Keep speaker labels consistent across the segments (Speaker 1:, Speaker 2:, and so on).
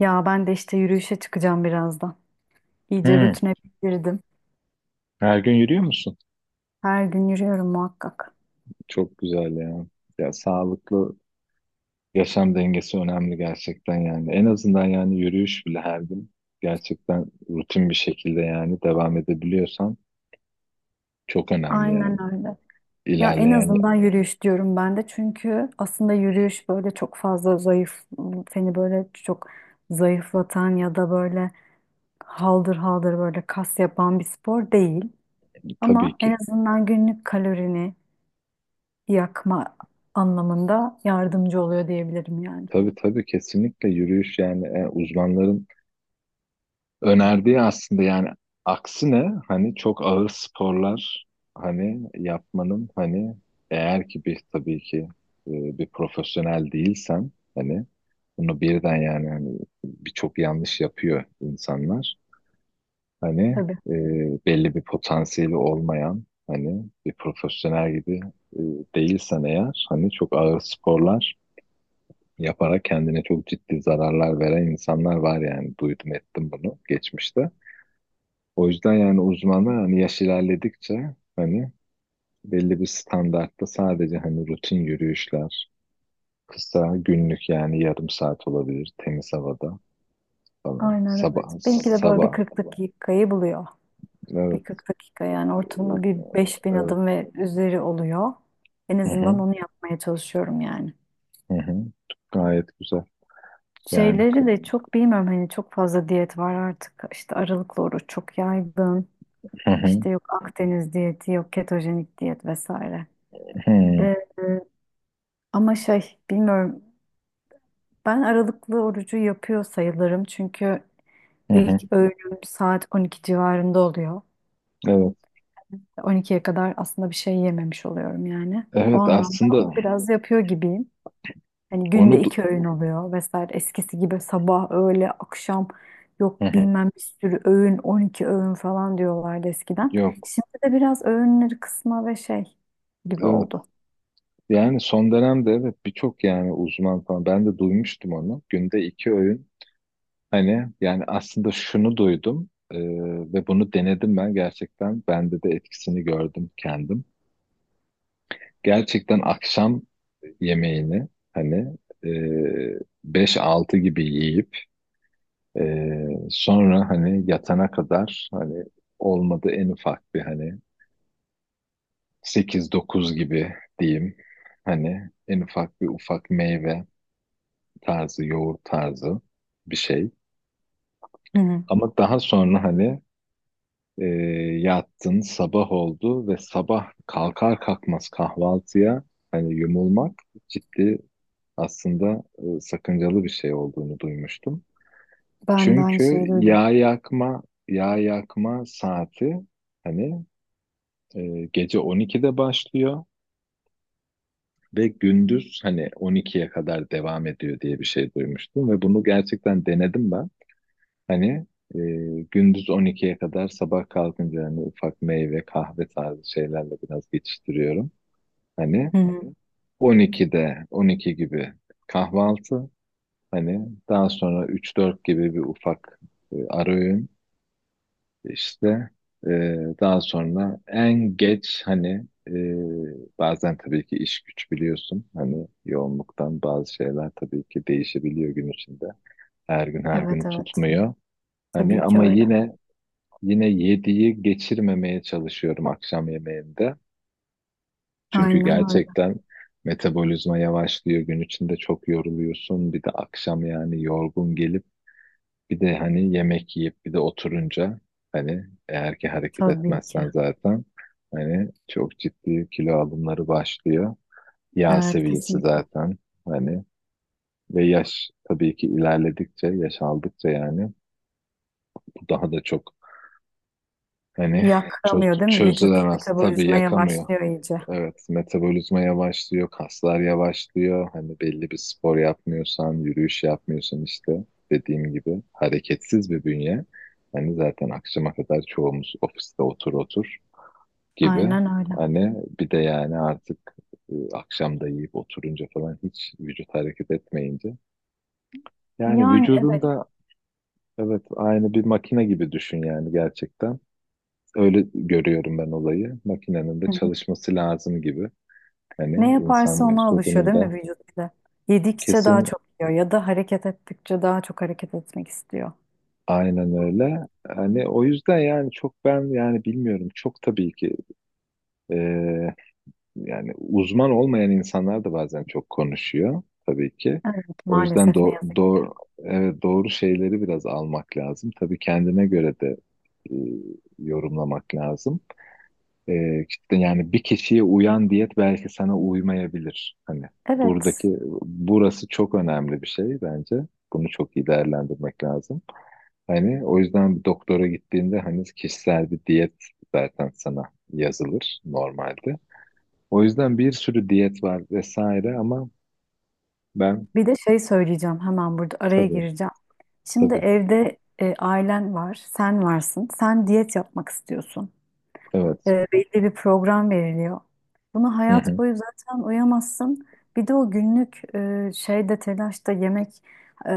Speaker 1: Ya ben de işte yürüyüşe çıkacağım birazdan. İyice
Speaker 2: Hı,
Speaker 1: rutine girdim.
Speaker 2: her gün yürüyor musun?
Speaker 1: Her gün yürüyorum muhakkak.
Speaker 2: Çok güzel ya. Ya sağlıklı yaşam dengesi önemli gerçekten yani. En azından yani yürüyüş bile her gün gerçekten rutin bir şekilde yani devam edebiliyorsan çok önemli
Speaker 1: Aynen
Speaker 2: yani.
Speaker 1: öyle. Ya en
Speaker 2: İlerleyen
Speaker 1: azından yürüyüş diyorum ben de çünkü aslında yürüyüş böyle çok fazla zayıf, seni böyle çok zayıflatan ya da böyle haldır haldır böyle kas yapan bir spor değil.
Speaker 2: tabii
Speaker 1: Ama en
Speaker 2: ki.
Speaker 1: azından günlük kalorini yakma anlamında yardımcı oluyor diyebilirim yani.
Speaker 2: Tabii tabii kesinlikle yürüyüş yani uzmanların önerdiği aslında yani aksine hani çok ağır sporlar hani yapmanın hani eğer ki bir tabii ki e, bir profesyonel değilsen hani bunu birden yani hani birçok yanlış yapıyor insanlar. Hani
Speaker 1: Tabii.
Speaker 2: e, belli bir potansiyeli olmayan hani bir profesyonel gibi e, değilsen eğer hani çok ağır sporlar yaparak kendine çok ciddi zararlar veren insanlar var yani duydum ettim bunu geçmişte. O yüzden yani uzmanlar hani yaş ilerledikçe hani belli bir standartta sadece hani rutin yürüyüşler, kısa günlük yani yarım saat olabilir temiz havada falan.
Speaker 1: Aynen,
Speaker 2: Sabah,
Speaker 1: evet. Benimki de böyle bir
Speaker 2: sabah.
Speaker 1: kırklık kayı buluyor.
Speaker 2: Evet,
Speaker 1: Bir 40 dakika yani ortalama bir 5.000
Speaker 2: evet.
Speaker 1: adım ve üzeri oluyor. En
Speaker 2: Hı
Speaker 1: azından
Speaker 2: hı,
Speaker 1: onu yapmaya çalışıyorum yani.
Speaker 2: hı hı. Gayet güzel. Yani
Speaker 1: Şeyleri de çok bilmiyorum hani çok fazla diyet var artık. İşte aralıklı oruç çok yaygın.
Speaker 2: hı hı,
Speaker 1: İşte yok Akdeniz diyeti, yok ketojenik diyet vesaire.
Speaker 2: hı
Speaker 1: Ee, ama şey bilmiyorum ben aralıklı orucu yapıyor sayılırım çünkü
Speaker 2: hı, hı.
Speaker 1: ilk öğünüm saat 12 civarında oluyor.
Speaker 2: Evet.
Speaker 1: 12'ye kadar aslında bir şey yememiş oluyorum yani. O
Speaker 2: Evet
Speaker 1: anlamda onu
Speaker 2: aslında
Speaker 1: biraz yapıyor gibiyim. Hani günde
Speaker 2: onu du-
Speaker 1: iki öğün oluyor vesaire. Eskisi gibi sabah, öğle, akşam yok
Speaker 2: hı hı.
Speaker 1: bilmem bir sürü öğün, 12 öğün falan diyorlardı eskiden.
Speaker 2: Yok.
Speaker 1: Şimdi de biraz öğünleri kısma ve şey gibi
Speaker 2: Evet.
Speaker 1: oldu.
Speaker 2: Yani son dönemde evet birçok yani uzman falan ben de duymuştum onu. Günde iki öğün hani yani aslında şunu duydum ve bunu denedim ben gerçekten. Bende de etkisini gördüm kendim. Gerçekten akşam yemeğini hani e, 5-6 gibi yiyip e, sonra hani yatana kadar hani olmadı en ufak bir hani sekiz dokuz gibi diyeyim. Hani en ufak bir ufak meyve tarzı, yoğurt tarzı bir şey.
Speaker 1: Hı hı.
Speaker 2: Ama daha sonra hani E, yattın, sabah oldu ve sabah kalkar kalkmaz kahvaltıya hani yumulmak ciddi aslında sakıncalı bir şey olduğunu duymuştum.
Speaker 1: Ben de aynı şeyi
Speaker 2: Çünkü
Speaker 1: duydum.
Speaker 2: yağ yakma saati hani gece 12'de başlıyor ve gündüz hani 12'ye kadar devam ediyor diye bir şey duymuştum ve bunu gerçekten denedim ben. Hani e, gündüz 12'ye kadar sabah kalkınca hani ufak meyve, kahve tarzı şeylerle biraz geçiştiriyorum. Hani 12'de 12 gibi kahvaltı. Hani daha sonra 3-4 gibi bir ufak ara öğün. İşte e, daha sonra en geç hani bazen tabii ki iş güç biliyorsun. Hani yoğunluktan bazı şeyler tabii ki değişebiliyor gün içinde. Her gün her
Speaker 1: Evet,
Speaker 2: günü
Speaker 1: evet.
Speaker 2: tutmuyor. Hani
Speaker 1: Tabii ki
Speaker 2: ama
Speaker 1: öyle.
Speaker 2: yine yediği geçirmemeye çalışıyorum akşam yemeğinde. Çünkü
Speaker 1: Aynen öyle.
Speaker 2: gerçekten metabolizma yavaşlıyor. Gün içinde çok yoruluyorsun. Bir de akşam yani yorgun gelip bir de hani yemek yiyip bir de oturunca hani eğer ki hareket
Speaker 1: Tabii ki.
Speaker 2: etmezsen zaten hani çok ciddi kilo alımları başlıyor. Yağ
Speaker 1: Evet,
Speaker 2: seviyesi
Speaker 1: kesinlikle.
Speaker 2: zaten hani ve yaş tabii ki ilerledikçe, yaş aldıkça yani bu daha da çok hani
Speaker 1: Yakamıyor değil mi? Vücut
Speaker 2: çözülemez tabii
Speaker 1: metabolizma
Speaker 2: yakamıyor.
Speaker 1: yavaşlıyor iyice.
Speaker 2: Evet, metabolizma yavaşlıyor, kaslar yavaşlıyor. Hani belli bir spor yapmıyorsan, yürüyüş yapmıyorsan işte dediğim gibi hareketsiz bir bünye. Hani zaten akşama kadar çoğumuz ofiste otur otur gibi.
Speaker 1: Aynen öyle.
Speaker 2: Hani bir de yani artık akşam da yiyip oturunca falan hiç vücut hareket etmeyince. Yani
Speaker 1: Yani
Speaker 2: vücudun
Speaker 1: evet.
Speaker 2: da evet aynı bir makine gibi düşün yani gerçekten. Öyle görüyorum ben olayı. Makinenin de çalışması lazım gibi.
Speaker 1: Ne
Speaker 2: Hani
Speaker 1: yaparsa
Speaker 2: insan
Speaker 1: ona alışıyor
Speaker 2: vücudunun
Speaker 1: değil mi
Speaker 2: da
Speaker 1: vücut bize? Yedikçe daha
Speaker 2: kesin
Speaker 1: çok yiyor ya da hareket ettikçe daha çok hareket etmek istiyor.
Speaker 2: aynen öyle. Hani o yüzden yani çok ben yani bilmiyorum çok tabii ki e, yani uzman olmayan insanlar da bazen çok konuşuyor tabii ki.
Speaker 1: Evet,
Speaker 2: O yüzden
Speaker 1: maalesef ne
Speaker 2: do
Speaker 1: yazık ki.
Speaker 2: do evet, doğru şeyleri biraz almak lazım. Tabii kendine göre de e, yorumlamak lazım. İşte yani bir kişiye uyan diyet belki sana uymayabilir. Hani
Speaker 1: Evet,
Speaker 2: buradaki burası çok önemli bir şey bence. Bunu çok iyi değerlendirmek lazım. Hani o yüzden bir doktora gittiğinde hani kişisel bir diyet zaten sana yazılır normalde. O yüzden bir sürü diyet var vesaire ama ben
Speaker 1: bir de şey söyleyeceğim, hemen burada araya
Speaker 2: tabii
Speaker 1: gireceğim. Şimdi
Speaker 2: tabii
Speaker 1: evde ailen var, sen varsın, sen diyet yapmak istiyorsun.
Speaker 2: evet.
Speaker 1: Belli bir program veriliyor. Bunu
Speaker 2: Hı
Speaker 1: hayat
Speaker 2: hı.
Speaker 1: boyu zaten uyamazsın. Bir de o günlük şeyde telaşta yemek, e,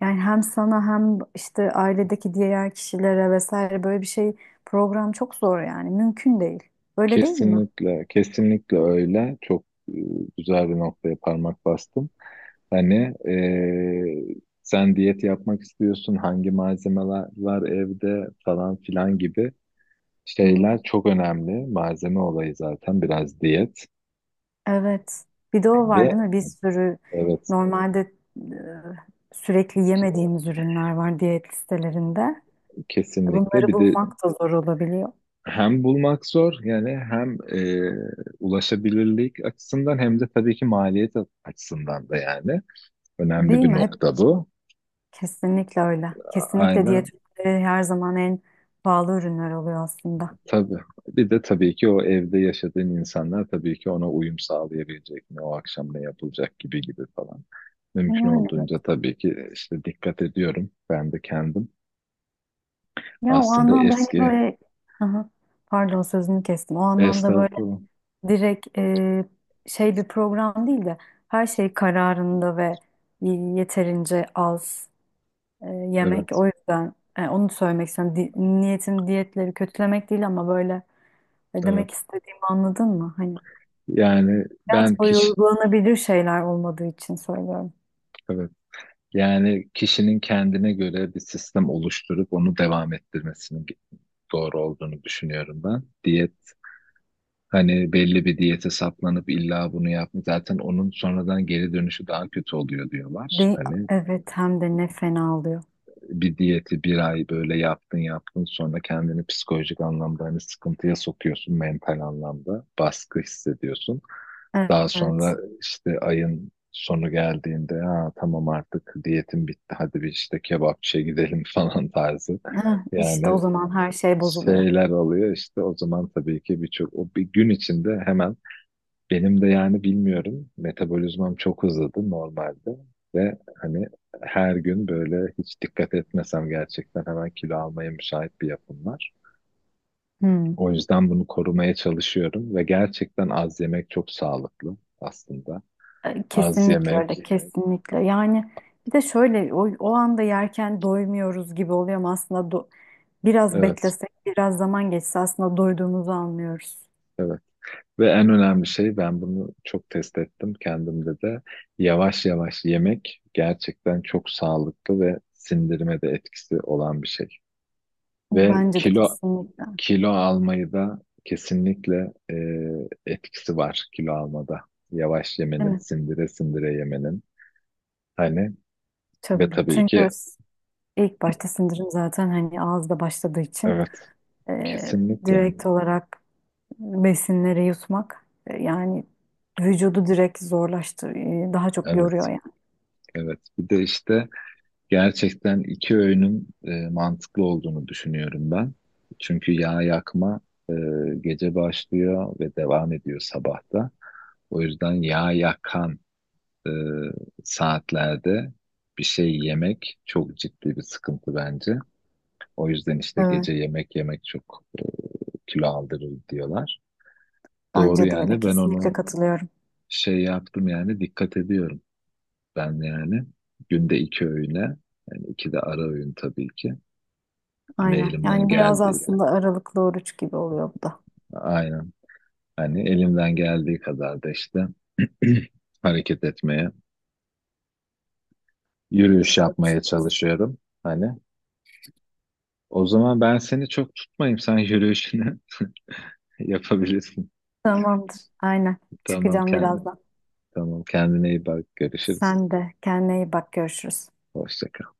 Speaker 1: yani hem sana hem işte ailedeki diğer kişilere vesaire böyle bir şey program çok zor, yani mümkün değil. Öyle değil mi?
Speaker 2: Kesinlikle kesinlikle öyle. Çok güzel bir noktaya parmak bastım. Hani sen diyet yapmak istiyorsun hangi malzemeler var evde falan filan gibi
Speaker 1: Hı hı.
Speaker 2: şeyler çok önemli. Malzeme olayı zaten biraz diyet
Speaker 1: Evet. Bir de o var
Speaker 2: ve
Speaker 1: değil mi? Bir sürü
Speaker 2: evet
Speaker 1: normalde sürekli yemediğimiz ürünler var diyet listelerinde.
Speaker 2: kesinlikle.
Speaker 1: Bunları
Speaker 2: Bir de
Speaker 1: bulmak da zor olabiliyor.
Speaker 2: hem bulmak zor yani hem ulaşabilirlik açısından hem de tabii ki maliyet açısından da yani önemli
Speaker 1: Değil
Speaker 2: bir
Speaker 1: mi?
Speaker 2: nokta bu.
Speaker 1: Kesinlikle öyle. Kesinlikle diyet
Speaker 2: Aynen
Speaker 1: ürünleri her zaman en pahalı ürünler oluyor aslında.
Speaker 2: tabii. Bir de tabii ki o evde yaşadığın insanlar tabii ki ona uyum sağlayabilecek mi, o akşam ne yapılacak gibi gibi falan. Mümkün
Speaker 1: Yani öyle.
Speaker 2: olduğunca tabii ki işte dikkat ediyorum. Ben de kendim
Speaker 1: Ya o
Speaker 2: aslında
Speaker 1: anlamda hani
Speaker 2: eski
Speaker 1: böyle Hı hı. Pardon, sözünü kestim. O anlamda böyle
Speaker 2: esnafım.
Speaker 1: direkt, şey bir program değil de her şey kararında ve yeterince az, yemek.
Speaker 2: Evet,
Speaker 1: O yüzden onu söylemek istiyorum. Niyetim diyetleri kötülemek değil ama böyle,
Speaker 2: evet.
Speaker 1: demek istediğimi anladın mı? Hani
Speaker 2: Yani ben
Speaker 1: hayat boyu
Speaker 2: kişi,
Speaker 1: uygulanabilir şeyler olmadığı için söylüyorum.
Speaker 2: evet. Yani kişinin kendine göre bir sistem oluşturup onu devam ettirmesinin doğru olduğunu düşünüyorum ben. Diyet hani belli bir diyete saplanıp illa bunu yapma zaten onun sonradan geri dönüşü daha kötü oluyor diyorlar.
Speaker 1: De
Speaker 2: Hani
Speaker 1: evet, hem de ne fena oluyor.
Speaker 2: bir diyeti bir ay böyle yaptın yaptın sonra kendini psikolojik anlamda hani sıkıntıya sokuyorsun mental anlamda baskı hissediyorsun. Daha sonra
Speaker 1: Evet.
Speaker 2: işte ayın sonu geldiğinde ha, tamam artık diyetim bitti hadi bir işte kebapçıya gidelim falan tarzı.
Speaker 1: Heh, işte o
Speaker 2: Yani
Speaker 1: zaman her şey bozuluyor.
Speaker 2: şeyler oluyor işte o zaman tabii ki birçok o bir gün içinde hemen benim de yani bilmiyorum metabolizmam çok hızlıydı normalde ve hani her gün böyle hiç dikkat etmesem gerçekten hemen kilo almaya müsait bir yapım var.
Speaker 1: Hmm.
Speaker 2: O yüzden bunu korumaya çalışıyorum ve gerçekten az yemek çok sağlıklı aslında. Az
Speaker 1: Kesinlikle
Speaker 2: yemek,
Speaker 1: öyle, kesinlikle. Yani bir de şöyle o anda yerken doymuyoruz gibi oluyor ama aslında biraz
Speaker 2: evet,
Speaker 1: beklesek, biraz zaman geçse aslında doyduğumuzu anlıyoruz.
Speaker 2: evet. Ve en önemli şey ben bunu çok test ettim kendimde de. Yavaş yavaş yemek gerçekten çok sağlıklı ve sindirime de etkisi olan bir şey. Ve
Speaker 1: Bence de
Speaker 2: kilo
Speaker 1: kesinlikle.
Speaker 2: kilo almayı da kesinlikle etkisi var kilo almada. Yavaş
Speaker 1: Değil
Speaker 2: yemenin,
Speaker 1: mi?
Speaker 2: sindire sindire yemenin. Hani ve
Speaker 1: Tabii.
Speaker 2: tabii ki
Speaker 1: Çünkü ilk başta sindirim zaten hani ağızda başladığı için,
Speaker 2: evet,
Speaker 1: e,
Speaker 2: kesinlikle.
Speaker 1: direkt olarak besinleri yutmak, yani vücudu direkt zorlaştır, daha çok
Speaker 2: Evet,
Speaker 1: yoruyor yani.
Speaker 2: evet. Bir de işte gerçekten iki öğünün mantıklı olduğunu düşünüyorum ben. Çünkü yağ yakma e, gece başlıyor ve devam ediyor sabahta. O yüzden yağ yakan e, saatlerde bir şey yemek çok ciddi bir sıkıntı bence. O yüzden işte
Speaker 1: Evet,
Speaker 2: gece yemek yemek çok kilo aldırır diyorlar. Doğru
Speaker 1: bence de öyle.
Speaker 2: yani ben
Speaker 1: Kesinlikle
Speaker 2: onu
Speaker 1: katılıyorum.
Speaker 2: şey yaptım yani dikkat ediyorum. Ben yani günde iki öğüne yani iki de ara öğün tabii ki. Ve
Speaker 1: Aynen.
Speaker 2: elimden
Speaker 1: Yani biraz
Speaker 2: geldiydi.
Speaker 1: aslında aralıklı oruç gibi oluyor bu da.
Speaker 2: Aynen. Hani elimden geldiği kadar da işte hareket etmeye, yürüyüş yapmaya çalışıyorum. Hani o zaman ben seni çok tutmayayım. Sen yürüyüşünü yapabilirsin.
Speaker 1: Tamamdır. Aynen.
Speaker 2: Tamam
Speaker 1: Çıkacağım
Speaker 2: kendi,
Speaker 1: birazdan.
Speaker 2: tamam kendine iyi bak. Görüşürüz.
Speaker 1: Sen de kendine iyi bak. Görüşürüz.
Speaker 2: Hoşça kal.